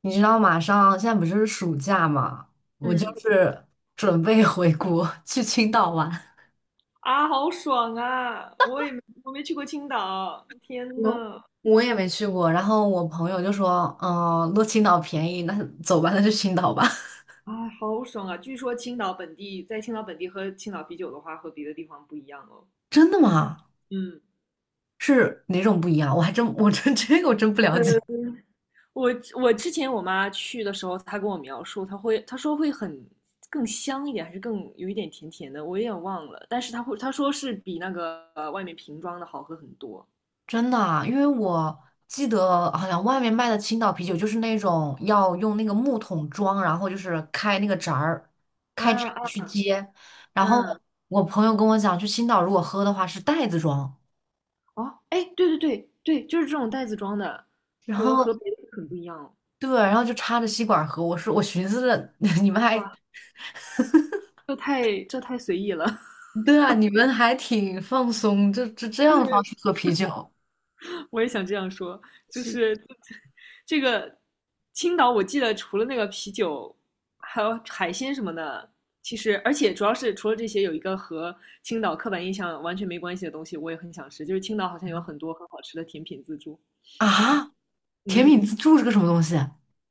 你知道马上现在不是暑假嘛，我就嗯，是准备 回国去青岛玩。啊，好爽啊！我没去过青岛，天我呐，我也没去过。然后我朋友就说，嗯，落青岛便宜，那走吧，那就青岛吧。啊，好爽啊！据说青岛本地喝青岛啤酒的话，和别的地方不一样哦。真的吗？嗯，是哪种不一样？我还真我真 这个我真不了解。呃，我我之前我妈去的时候，她跟我描述，她说会很更香一点，还是更有一点甜甜的，我有点忘了。但是她说是比那个外面瓶装的好喝很多。真的啊，因为我记得好像外面卖的青岛啤酒就是那种要用那个木桶装，然后就是开那个闸儿，啊开闸啊，去接。然后嗯，我朋友跟我讲，去青岛如果喝的话是袋子装，哦，哎，对对对对，就是这种袋子装的，然和后别的很不一样哦。对，然后就插着吸管喝。我说我寻思着 你们还哇。这太随意了，对啊，你们还挺放松，就这 就样的方是式喝啤酒我也想这样说，就是这个青岛，我记得除了那个啤酒，还有海鲜什么的，其实而且主要是除了这些，有一个和青岛刻板印象完全没关系的东西，我也很想吃，就是青岛好像有很多很好吃的甜品自助，啊？甜嗯，品自助是个什么东西？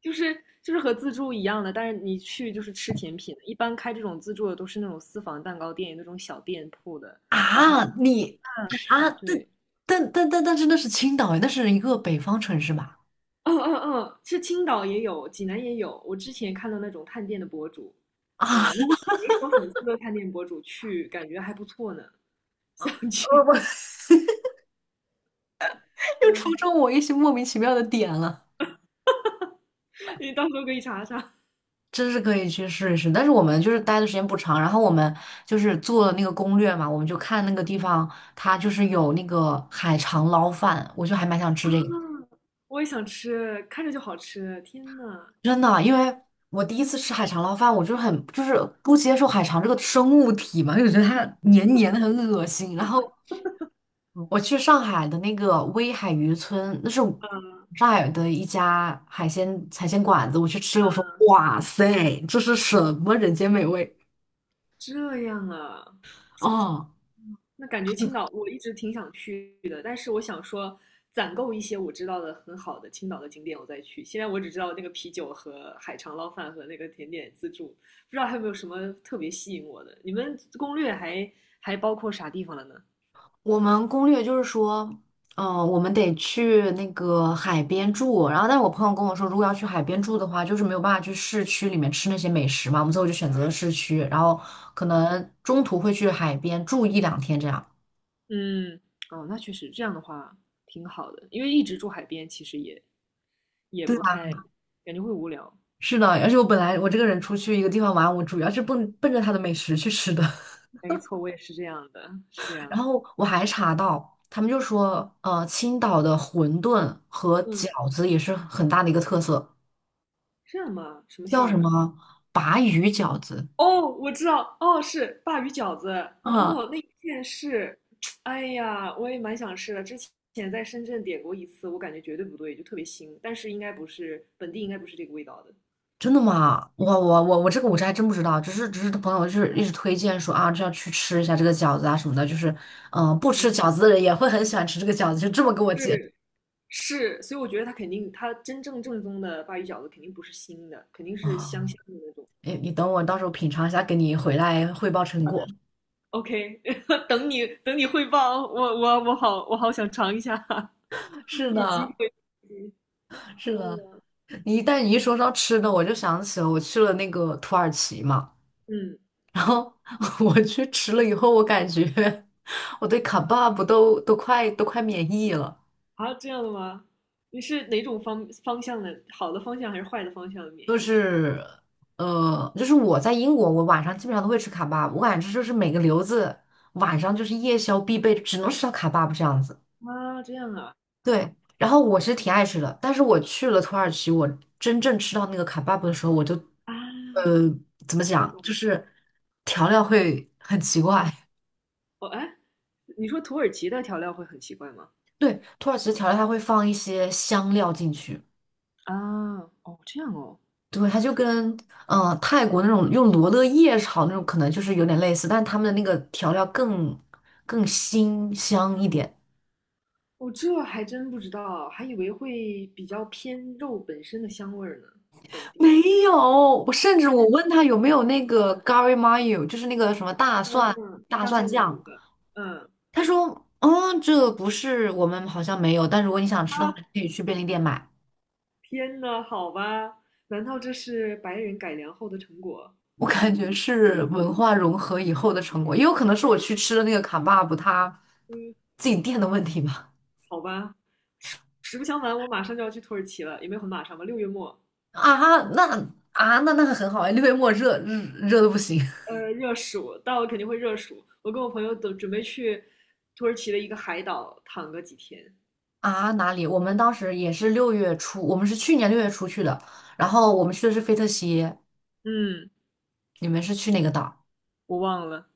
就是就是和自助一样的，但是你去就是吃甜品，一般开这种自助的都是那种私房蛋糕店，那种小店铺的，啊，你啊，但对。但但但但是那是青岛诶，那是一个北方城市吧？嗯嗯，嗯，是青岛也有，济南也有。我之前看到那种探店的博主，啊，嗯，那种没什么粉丝的探店博主去，感觉还不错呢，想去。我 又戳嗯，中我一些莫名其妙的点了。你到时候可以查查。啊，真是可以去试一试。但是我们就是待的时间不长，然后我们就是做了那个攻略嘛，我们就看那个地方，它就是有那个海肠捞饭，我就还蛮想吃这个。我也想吃，看着就好吃。天呐，真的，因为我第一次吃海肠捞饭，我就是很就是不接受海肠这个生物体嘛，因为我觉得它黏黏的很恶心。然后我去上海的那个威海渔村，那是嗯，上海的一家海鲜馆子，我去吃，我说嗯，哇塞，这是什么人间美味这样啊。哦！那感觉青岛我一直挺想去的，但是我想说攒够一些我知道的很好的青岛的景点，我再去。现在我只知道那个啤酒和海肠捞饭和那个甜点自助，不知道还有没有什么特别吸引我的。你们攻略还包括啥地方了呢？我们攻略就是说，我们得去那个海边住。然后，但是我朋友跟我说，如果要去海边住的话，就是没有办法去市区里面吃那些美食嘛。我们最后就选择了市区，然后可能中途会去海边住一两天这样。嗯，哦，那确实这样的话挺好的，因为一直住海边其实也对不啊，太感觉会无聊。是的，而且我本来我这个人出去一个地方玩，我主要是奔着它的美食去吃的。没错，我也是这样的，是这 样然的。后我还查到，他们就说，青岛的馄饨和饺嗯，子也是很大的一个特色，这样吗？什么馅叫什儿的？么鲅鱼饺子。哦，我知道，哦，是鲅鱼饺子，嗯。哦，那一片是，哎呀，我也蛮想吃的。之前在深圳点过一次，我感觉绝对不对，就特别腥，但是应该不是本地，应该不是这个味道的。真的吗？我这还真不知道，只是朋友就是一直推荐说啊，这要去吃一下这个饺子啊什么的，就是不吃嗯，饺子的人也会很喜欢吃这个饺子，就这么跟我讲是，是，所以我觉得它肯定，它真正正宗的鲅鱼饺子肯定不是腥的，肯定是香啊。香的那种。哎，你等我到时候品尝一下，给你回来汇报成好的果。，OK,等你汇报，我好想尝一下，是有机的，会，是的，嗯你一旦你一说到吃的，我就想起了我去了那个土耳其嘛，嗯。然后 我去吃了以后，我感觉 我对卡巴布都快免疫了。啊，这样的吗？你是哪种方向的，好的方向还是坏的方向的免就疫了？是就是我在英国，我晚上基本上都会吃卡巴，我感觉就是每个留子晚上就是夜宵必备，只能吃到卡巴这样子。啊，这样啊，对，然后我其实挺爱吃的，但是我去了土耳其，我真正吃到那个卡巴布的时候，我就呃啊，怎么我讲，懂就了。是调料会很奇怪。哦，哎，你说土耳其的调料会很奇怪吗？对，土耳其的调料它会放一些香料进去，啊，哦，这样哦，对，它就跟泰国那种用罗勒叶炒那种可能就是有点类似，但是他们的那个调料更辛香一点。这还真不知道，还以为会比较偏肉本身的香味儿呢，本没地的。有，我甚至问他有没有那个 gari mayo，就是那个什么大嗯蒜嗯，大大蒜蒜的那酱，个，嗯，他说，嗯，这不是我们好像没有，但如果你想吃啊，的话，可以去便利店买。天呐，好吧，难道这是白人改良后的成果？我感觉是文化融合以后的成果，也有可能是我去吃的那个卡巴布他嗯，自己店的问题吧。好吧，实不相瞒，我马上就要去土耳其了，也没有很马上吧，六月末。啊，那啊，那那个很好哎，六月末热的不行 呃，热暑到了肯定会热暑，我跟我朋友都准备去土耳其的一个海岛躺个几天。啊！哪里？我们当时也是六月初，我们是去年六月初去的，然后我们去的是菲特西，嗯，你们是去哪个岛？我忘了，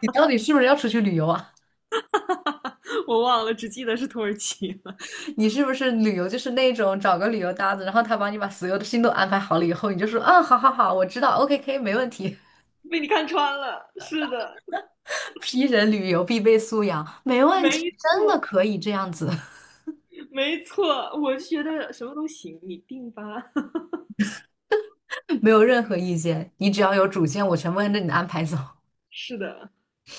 你到底是不是要出去旅游啊？我忘了，只记得是土耳其了。你是不是旅游就是那种找个旅游搭子，然后他帮你把所有的心都安排好了以后，你就说嗯，好好好，我知道，OK 没问题 被你看穿了，是的，，P 人旅游必备素养，没问没题，真的错，可以这样子，没错，我就觉得什么都行，你定吧。没有任何意见，你只要有主见，我全部按着你的安排走，是的，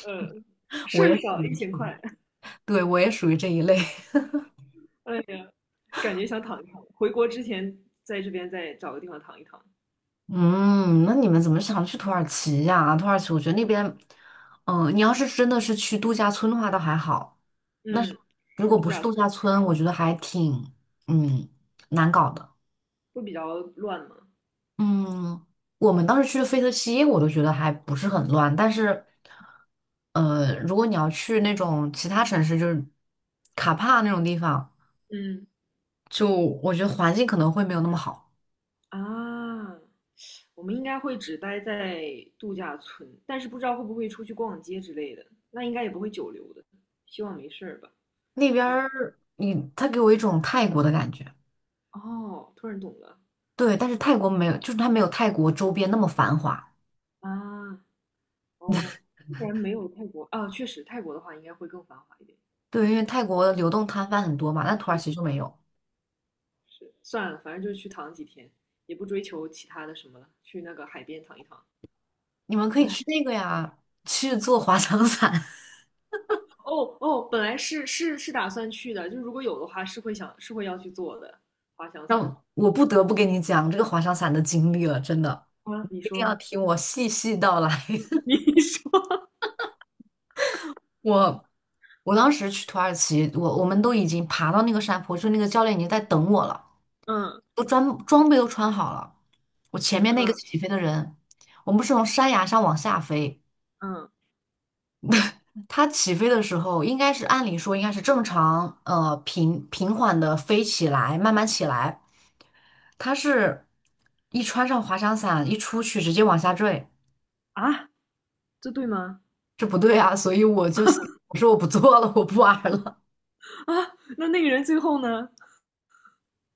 呃，事我也儿属少，一于。千块。对，我也属于这一类。哎呀，感觉想躺一躺，回国之前在这边再找个地方躺一躺。嗯，那你们怎么想去土耳其呀？土耳其，我觉得那边，你要是真的是去度假村的话，倒还好。但是嗯，如是果度不是假度村。假村，我觉得还挺，嗯，难搞的。会比较乱吗？嗯，我们当时去的费特希耶我都觉得还不是很乱。但是，如果你要去那种其他城市，就是卡帕那种地方，嗯，就我觉得环境可能会没有那么好。啊，我们应该会只待在度假村，但是不知道会不会出去逛街之类的，那应该也不会久留的，希望没事儿吧。那边哎，儿，它给我一种泰国的感觉。哦，突然懂了。对，但是泰国没有，就是它没有泰国周边那么繁华。啊，哦，不然没有泰国啊，确实泰国的话应该会更繁华一点。对，因为泰国流动摊贩很多嘛，那土耳是，其就没有。是，算了，反正就是去躺几天，也不追求其他的什么了，去那个海边躺一躺。你们可以哎，去那个呀，去做滑翔伞。哦哦，本来是打算去的，就如果有的话，是会想是会要去做的。滑翔伞让我不得不跟你讲这个滑翔伞的经历了，真的，啊，你一定要说， 听我细细道来。你说，我我当时去土耳其，我我们都已经爬到那个山坡，就那个教练已经在等我了，嗯，都装装备都穿好了。我前面那个嗯，起飞的人，我们不是从山崖上往下飞。嗯，它起飞的时候，应该是按理说应该是正常，平缓的飞起来，慢慢起来。它是一穿上滑翔伞，一出去直接往下坠，啊，这对吗？这不对啊！所以我就心我说我不做了，我不玩儿了。啊，那那个人最后呢？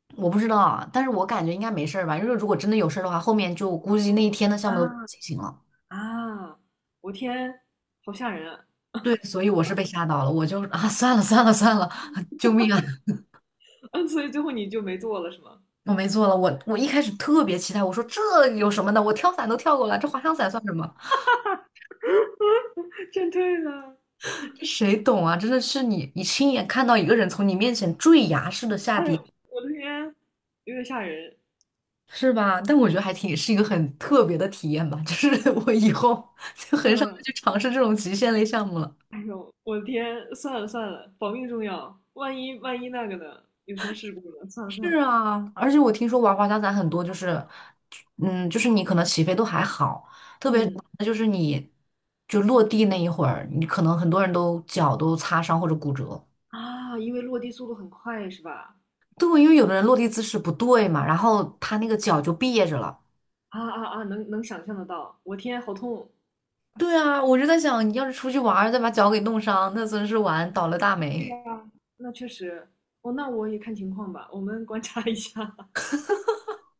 我不知道啊，但是我感觉应该没事儿吧，因为如果真的有事儿的话，后面就估计那一天的项啊，目都不能进行了。啊，我天，好吓人啊。 对，所以我是被吓到了，我就啊，算了算了算了，救命啊！嗯，所以最后你就没做了是吗？我没做了，我一开始特别期待，我说这有什么的，我跳伞都跳过了，这滑翔伞算什么？真对了，这谁懂啊？真的是你亲眼看到一个人从你面前坠崖式的下哎跌，呦，我的天，有点吓人。是吧？但我觉得还挺是一个很特别的体验吧，就是 我以后就很少再嗯，去尝试这种极限类项目了。哎呦，我的天，算了算了，保命重要，万一那个呢？有什么事故呢？算了算是了，啊，而且我听说玩滑翔伞很多就是，就是你可能起飞都还好，特别嗯。就是你就落地那一会儿，你可能很多人都脚都擦伤或者骨折。啊，因为落地速度很快是吧？对，因为有的人落地姿势不对嘛，然后他那个脚就别着了。啊啊啊，能想象得到，我天，好痛！对啊，我就在想，你要是出去玩儿再把脚给弄伤，那真是玩倒了大对霉。呀，那确实，哦，那我也看情况吧，我们观察一下。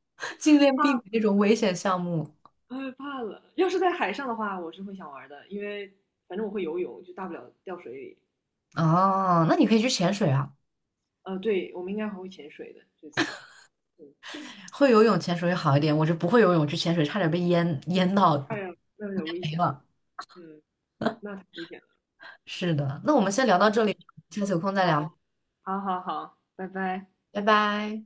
尽量怕，避免这种危险项目。哎，怕了。要是在海上的话，我是会想玩的，因为反正我会游泳，就大不了掉水里。啊，那你可以去潜水啊，呃，对，我们应该还会潜水的这次。嗯，会游泳潜水会好一点。我是不会游泳，去潜水差点被淹到 哎呀，那有点危没险了。了。嗯，那太危险了。是的，那我们先聊到这里，下次有空再聊，好，好，好，好，拜拜。拜拜。